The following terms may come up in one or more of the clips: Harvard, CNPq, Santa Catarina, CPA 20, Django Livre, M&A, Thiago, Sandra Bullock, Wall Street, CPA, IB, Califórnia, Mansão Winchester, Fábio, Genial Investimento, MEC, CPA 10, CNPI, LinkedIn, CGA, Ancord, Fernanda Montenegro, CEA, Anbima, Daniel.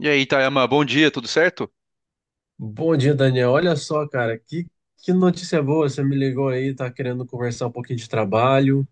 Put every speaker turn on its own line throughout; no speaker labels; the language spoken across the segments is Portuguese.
E aí, Itayama, bom dia, tudo certo?
Bom dia, Daniel. Olha só, cara, que notícia boa. Você me ligou aí, tá querendo conversar um pouquinho de trabalho, um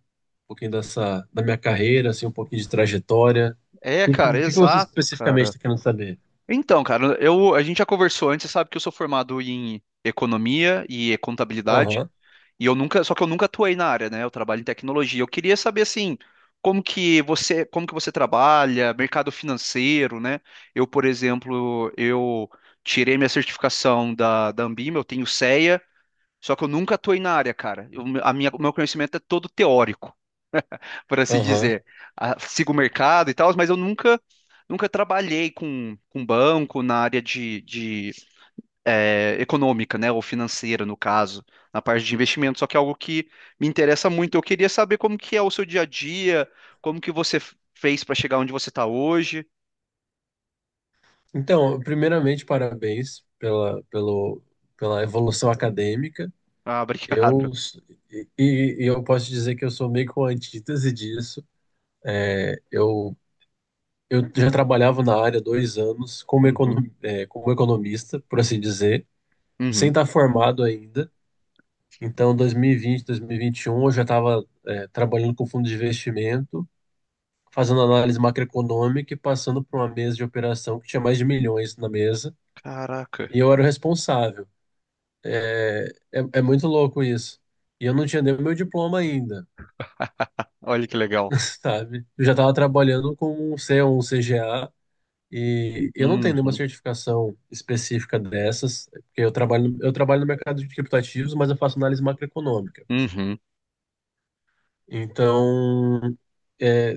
pouquinho dessa, da minha carreira, assim, um pouquinho de trajetória. O
É,
que, que, o
cara,
que que você
exato,
especificamente
cara.
está querendo saber?
Então, cara, a gente já conversou antes. Você sabe que eu sou formado em economia e contabilidade,
Aham,
e eu nunca, só que eu nunca atuei na área, né? Eu trabalho em tecnologia. Eu queria saber assim, como que você, trabalha, mercado financeiro, né? Por exemplo, eu tirei minha certificação da Anbima. Eu tenho CEA, só que eu nunca atuei na área, cara. O meu conhecimento é todo teórico, por assim
aham.
dizer. Ah, sigo o mercado e tal, mas eu nunca, nunca trabalhei com banco na área de eh, econômica, né? Ou financeira, no caso, na parte de investimento. Só que é algo que me interessa muito. Eu queria saber como que é o seu dia a dia, como que você f- fez para chegar onde você está hoje.
Então, primeiramente, parabéns pela evolução acadêmica.
Ah,
Eu,
obrigado.
s- e eu posso dizer que eu sou meio que uma antítese disso. É, Eu, eu já trabalhava na área há 2 anos como, econo,
Uhum,
eh, como economista, por assim dizer. Sem
uhum.
estar formado ainda. Então, 2020, 2021, eu já estava trabalhando com fundo de investimento, fazendo análise macroeconômica e passando por uma mesa de operação que tinha mais de milhões na mesa.
Caraca,
E eu era o responsável. É, é muito louco isso. E eu não tinha nem o meu diploma ainda,
olha que legal.
sabe? Eu já estava trabalhando com um C ou um CGA. E eu não tenho nenhuma
Uhum,
certificação específica dessas, porque eu trabalho no mercado de criptativos, mas eu faço análise macroeconômica.
uhum,
Então, é,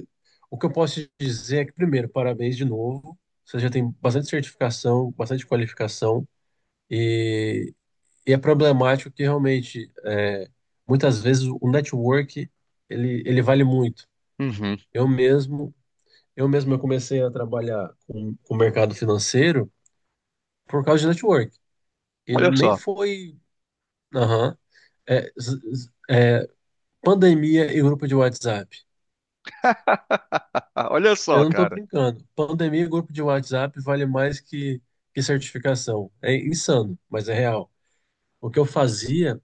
o que eu posso te dizer é que, primeiro, parabéns de novo. Você já tem bastante certificação, bastante qualificação, e, e é problemático que realmente, muitas vezes, o network ele vale muito.
uhum.
Eu mesmo, eu mesmo eu comecei a trabalhar com o mercado financeiro por causa de network. E
Olha
nem
só,
foi, aham, é, z- z- é, pandemia e grupo de WhatsApp.
olha
Eu
só,
não tô
cara.
brincando. Pandemia e grupo de WhatsApp vale mais que certificação. É insano, mas é real. O que eu fazia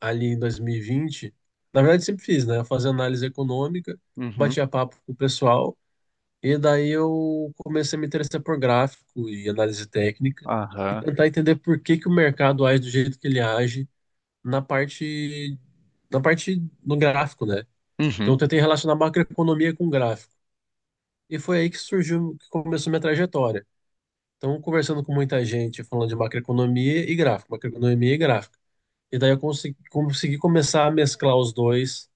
ali em 2020, na verdade sempre fiz, né? Eu fazia análise econômica,
Uhum,
batia papo com o pessoal, e daí eu comecei a me interessar por gráfico e análise técnica, e
aham,
tentar entender por que que o mercado age do jeito que ele age na parte, na parte no gráfico, né? Então
uhum.
eu tentei relacionar macroeconomia com gráfico. E foi aí que surgiu, que começou minha trajetória. Então, conversando com muita gente, falando de macroeconomia e gráfico, macroeconomia e gráfico. E daí eu consegui começar a mesclar os dois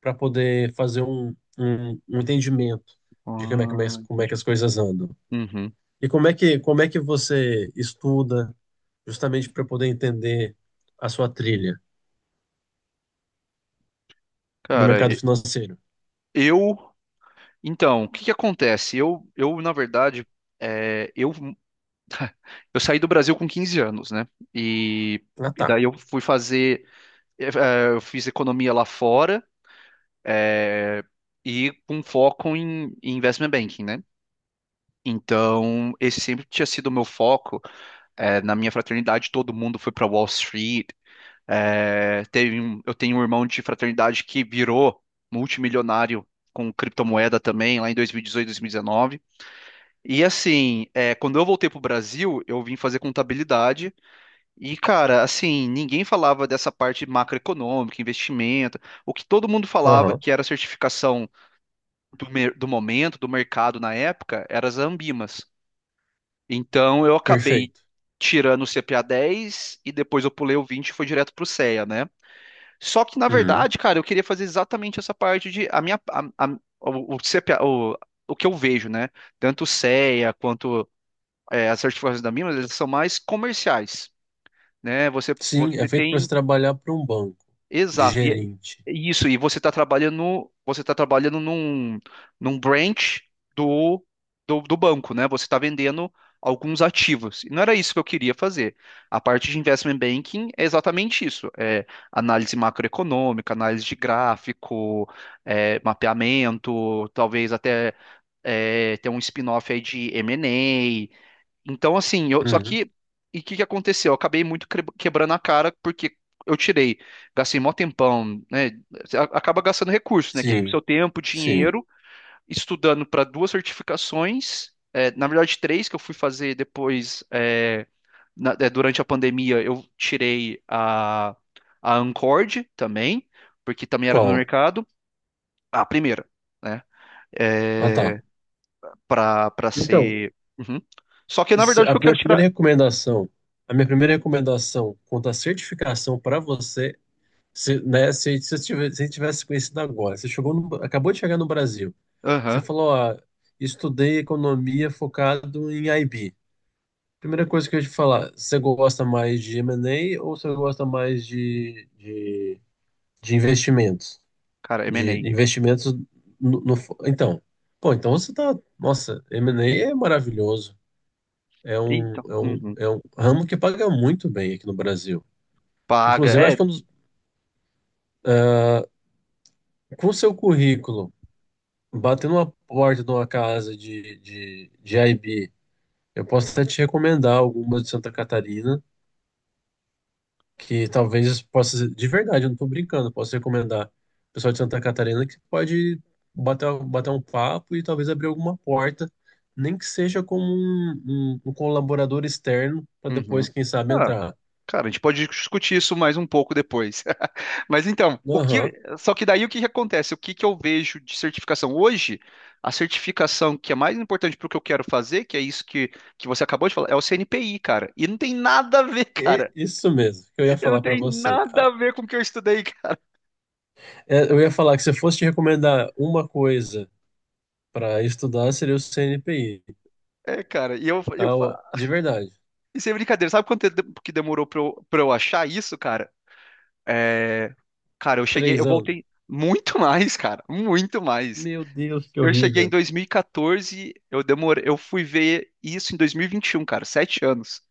para poder fazer um entendimento de como é,
Ah,
que como é
entendi.
que as coisas andam.
Uhum.
E como é que você estuda justamente para poder entender a sua trilha no
Cara,
mercado
e-
financeiro?
eu. Então, o que que acontece? Eu na verdade, é, eu, eu saí do Brasil com 15 anos, né? E,
Ah,
e
tá.
daí eu fui fazer. Eu fiz economia lá fora, é, e com foco em investment banking, né? Então, esse sempre tinha sido o meu foco. É, na minha fraternidade, todo mundo foi para Wall Street. É, eu tenho um irmão de fraternidade que virou multimilionário com criptomoeda também, lá em 2018, 2019. E 18, 2019. E assim, quando eu voltei pro Brasil, eu vim fazer contabilidade. E, cara, assim, ninguém falava dessa parte macroeconômica, investimento. O que todo mundo falava
Aham,
que era certificação do momento, do mercado na época, eram as Ambimas. Então, eu acabei
perfeito.
tirando o CPA 10 e depois eu pulei o 20 e foi direto pro CEA, né? Só que, na
Uhum.
verdade, cara, eu queria fazer exatamente essa parte de a minha o, CPA o que eu vejo, né? Tanto o CEA quanto as certificações da Mimas, eles são mais comerciais, né? Você
Sim, é
você
feito para você
tem.
trabalhar para um banco de
Exato.
gerente.
E isso, e você está trabalhando. Você está trabalhando num branch do, do banco, né? Você está vendendo alguns ativos. E não era isso que eu queria fazer. A parte de investment banking é exatamente isso. É análise macroeconômica, análise de gráfico, mapeamento, talvez até ter um spin-off aí de M&A. Então, assim, só
Uhum.
que. E o que que aconteceu? Eu acabei muito quebrando a cara porque eu tirei, gastei mó tempão, né? Acaba gastando recursos, né? Que é o
Sim,
seu tempo,
sim.
dinheiro, estudando para duas certificações, na verdade, três que eu fui fazer depois. Durante a pandemia, eu tirei a Ancord também, porque também era do
Qual?
mercado, a primeira, né?
Ah, tá.
É, para
Então,
ser. Uhum. Só que, na
Se-
verdade, o
A
que eu quero
minha primeira
tirar.
recomendação, a minha primeira recomendação quanto à certificação para você, se você tivesse conhecido agora, você chegou acabou de chegar no Brasil, você
Aham.
falou, estudei economia focado em IB. Primeira coisa que eu ia te falar, você gosta mais de M&A ou você gosta mais de investimentos?
Cara,
De
M&A.
investimentos no, no... Então, pô, você tá. Nossa, M&A é maravilhoso. É um,
Então.
é um,
Uhum.
é um ramo que paga muito bem aqui no Brasil.
Paga.
Inclusive, acho que
É.
com o seu currículo, batendo uma porta de uma casa de IB, eu posso até te recomendar alguma de Santa Catarina, que talvez possa, de verdade, eu não estou brincando, posso recomendar o pessoal de Santa Catarina que pode bater um papo e talvez abrir alguma porta, nem que seja como um colaborador externo, para
Uhum.
depois, quem sabe,
Ah,
entrar.
cara, a gente pode discutir isso mais um pouco depois. Mas então,
Aham.
só que daí o que que acontece? O que que eu vejo de certificação hoje? A certificação que é mais importante para o que eu quero fazer, que é isso que você acabou de falar, é o CNPI, cara. E não tem nada a ver,
É
cara.
isso mesmo que eu ia
Eu não
falar para
tenho
você.
nada a
Ah,
ver com o que eu estudei, cara.
é, Eu ia falar que se eu fosse te recomendar uma coisa para estudar, seria o CNPq.
É, cara. E
Ah, ó, de verdade,
isso é brincadeira. Sabe quanto tempo que demorou pra eu achar isso, cara? É, cara. Eu
3 anos.
voltei muito mais, cara, muito mais.
Meu Deus, que
Eu cheguei em
horrível.
2014, eu demorei, eu fui ver isso em dois mil e vinte e um, cara, 7 anos.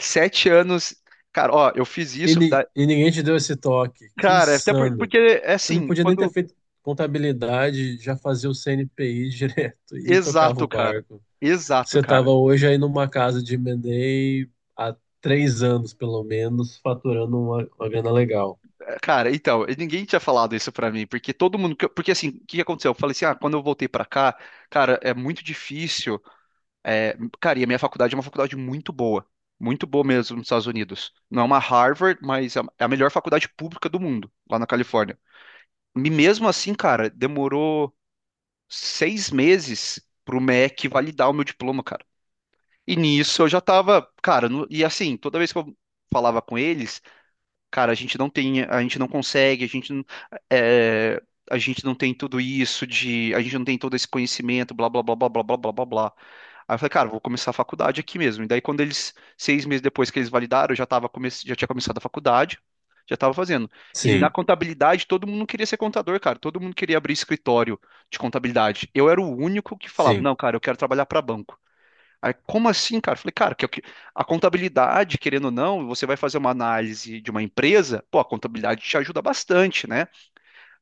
7 anos, cara, ó, eu fiz
E,
isso.
ni- e ninguém te deu esse toque. Que
Cara, até
insano.
porque é
Você não
assim.
podia nem ter feito contabilidade, já fazia o CNPq direto e tocava
Exato,
o
cara,
barco.
exato,
Você
cara.
estava hoje aí numa casa de M&A há 3 anos, pelo menos, faturando uma grana legal.
É, cara. Então, e ninguém tinha falado isso pra mim, porque todo mundo, porque assim. O que que aconteceu? Eu falei assim, ah, quando eu voltei pra cá, cara, é muito difícil. É, cara, e a minha faculdade é uma faculdade muito boa. Muito boa mesmo nos Estados Unidos. Não é uma Harvard, mas é a melhor faculdade pública do mundo, lá na Califórnia. E mesmo assim, cara, demorou 6 meses pro MEC validar o meu diploma, cara. E nisso eu já tava, cara, e assim, toda vez que eu falava com eles, cara, a gente não tem, a gente não consegue, é, a gente não tem tudo isso de, a gente não tem todo esse conhecimento, blá, blá, blá, blá, blá, blá, blá, blá, blá. Aí eu falei, cara, vou começar a faculdade aqui mesmo. E daí, quando eles, 6 meses depois que eles validaram, eu já tava já tinha começado a faculdade, já tava fazendo. E na
Sim,
contabilidade, todo mundo queria ser contador, cara. Todo mundo queria abrir escritório de contabilidade. Eu era o único que falava,
sim.
não, cara, eu quero trabalhar para banco. Aí, como assim, cara? Eu falei, cara, que é o que- a contabilidade, querendo ou não, você vai fazer uma análise de uma empresa, pô, a contabilidade te ajuda bastante, né?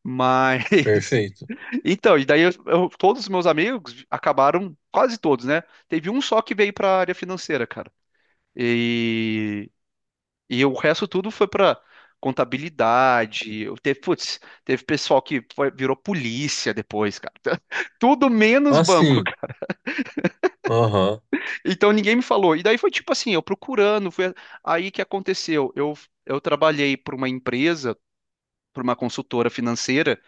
Mas
Perfeito.
então, e daí todos os meus amigos acabaram, quase todos, né? Teve um só que veio para área financeira, cara. E, e o resto tudo foi para contabilidade. Putz, teve pessoal que virou polícia depois, cara. Tudo menos
Ah,
banco,
sim.
cara.
Aham.
Então ninguém me falou. E daí foi tipo assim, eu procurando, foi aí que aconteceu. Eu trabalhei para uma empresa, para uma consultora financeira.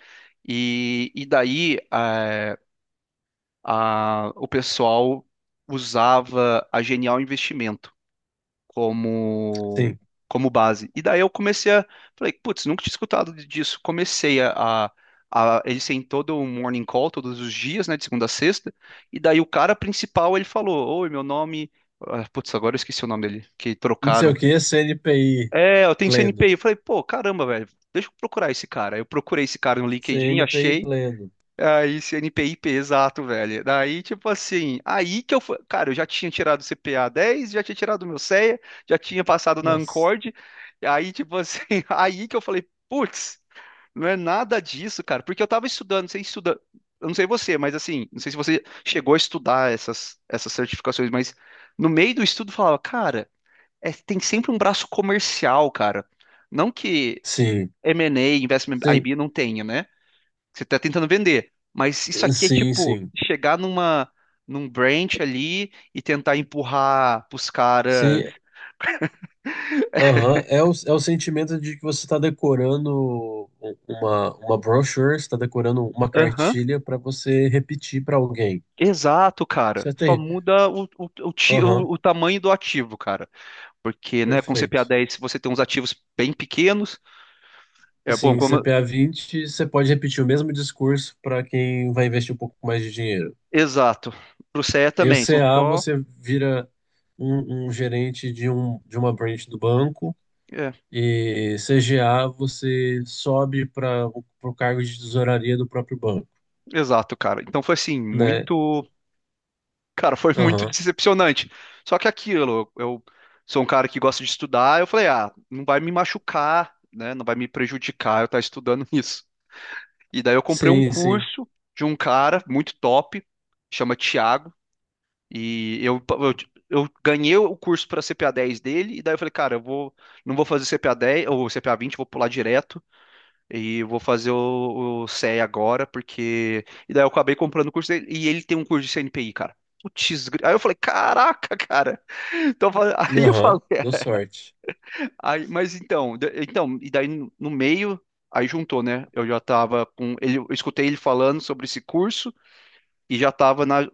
E daí, o pessoal usava a Genial Investimento como,
Sim.
como base. E daí eu comecei a. Falei, putz, nunca tinha escutado disso. Comecei a. a Eles têm todo um morning call todos os dias, né, de segunda a sexta, e daí o cara principal ele falou: Oi, meu nome. Ah, putz, agora eu esqueci o nome dele, que
Não sei o
trocaram.
que, CNPI
É, eu tenho
pleno.
CNPq. Eu falei, pô, caramba, velho, deixa eu procurar esse cara. Eu procurei esse cara no LinkedIn,
CNPI
achei.
pleno.
Aí, esse NPIP, exato, velho. Daí, tipo assim, aí que eu fui. Cara, eu já tinha tirado o CPA dez, já tinha tirado o meu CEA, já tinha passado na
Nossa.
Ancord. Aí, tipo assim, aí que eu falei, putz, não é nada disso, cara. Porque eu tava estudando, você estuda. Eu não sei você, mas assim, não sei se você chegou a estudar essas, certificações. Mas no meio do estudo eu falava, cara, tem sempre um braço comercial, cara. Não que
Sim.
M&A, Investment
Sim.
IB não tenha, né? Você tá tentando vender. Mas isso aqui é
Sim,
tipo
sim.
chegar num branch ali e tentar empurrar pros caras.
Sim. Aham. É o sentimento de que você está decorando uma brochure, você está decorando uma
Aham.
cartilha para você repetir para alguém.
Exato, cara.
Isso é
Só
terrível.
muda o, o, o, ti-
Aham.
o- o tamanho do ativo, cara. Porque, né, com CPA
Perfeito.
10 se você tem uns ativos bem pequenos, é bom,
Sim,
como.
CPA 20 você pode repetir o mesmo discurso para quem vai investir um pouco mais de dinheiro.
Exato. Pro CE
Em o
também, são
CA,
só.
você vira um gerente de uma branch do banco,
É,
e CGA, você sobe para o cargo de tesouraria do próprio banco,
exato, cara. Então foi assim,
né?
muito. Cara, foi muito
Aham.
decepcionante. Só que aquilo, eu sou um cara que gosta de estudar, eu falei, ah, não vai me machucar, né? Não vai me prejudicar eu estar estudando isso. E daí eu comprei um
Sim, sim.
curso de um cara muito top, chama Thiago. E eu ganhei o curso para CPA 10 dele, e daí eu falei, cara, não vou fazer CPA 10 ou CPA 20, vou pular direto. E eu vou fazer o CE agora, porque. E daí eu acabei comprando o curso dele. E ele tem um curso de CNPI, cara. Putz, aí eu falei, caraca, cara. Então, aí eu
Aham.
falei,
Deu sorte.
aí, mas então, então, e daí no meio, aí juntou, né? Eu já tava com. Ele, eu escutei ele falando sobre esse curso e já tava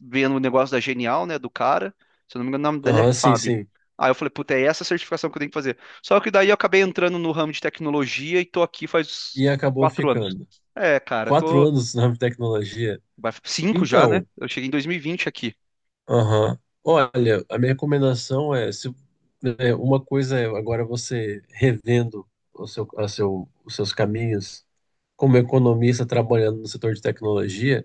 vendo o negócio da Genial, né, do cara. Se eu não me engano, o nome dele
Aham,
é
sim,
Fábio.
sim.
Aí eu falei, puta, é essa certificação que eu tenho que fazer. Só que daí eu acabei entrando no ramo de tecnologia e tô aqui faz
E acabou
4 anos.
ficando.
É, cara,
Quatro
tô.
anos na tecnologia.
Cinco já, né?
Então,
Eu cheguei em 2020 aqui.
aham. Olha, a minha recomendação é, se, né, uma coisa é agora você revendo o seu, a seu, os seus caminhos como economista trabalhando no setor de tecnologia,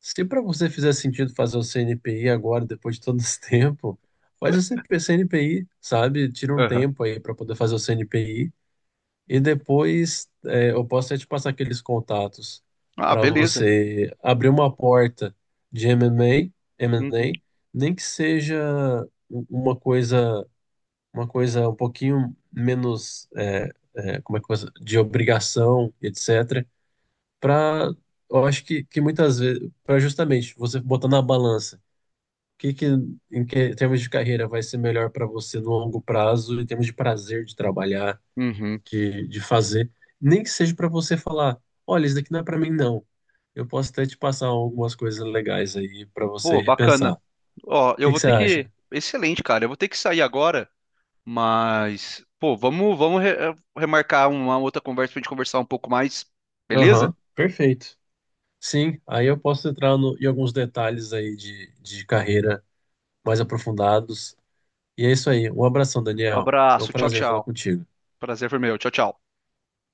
se para você fizer sentido fazer o CNPI agora, depois de todo esse tempo, faz o CP CNPI, sabe? Tira um
Aham.
tempo aí para poder fazer o CNPI e depois eu posso até te passar aqueles contatos
Ah,
para
beleza.
você abrir uma porta de M&A,
Uhum.
M&A, nem que seja um, uma coisa, uma coisa um pouquinho menos como é que coisa de obrigação, etc para, eu acho que muitas vezes, para justamente você botar na balança o que, que, em que em termos de carreira vai ser melhor para você no longo prazo, em termos de prazer de trabalhar,
Uhum.
de fazer, nem que seja para você falar, olha, isso daqui não é para mim não. Eu posso até te passar algumas coisas legais aí para você
Pô,
repensar.
bacana.
O
Ó, eu
que, que
vou
você
ter que.
acha?
Excelente, cara. Eu vou ter que sair agora, mas. Pô, vamos remarcar uma outra conversa pra gente conversar um pouco mais. Beleza?
Aham, perfeito. Sim, aí eu posso entrar no, em alguns detalhes aí de carreira mais aprofundados. E é isso aí. Um abração, Daniel. Foi um
Abraço. Tchau,
prazer falar
tchau.
contigo.
Prazer foi meu. Tchau, tchau.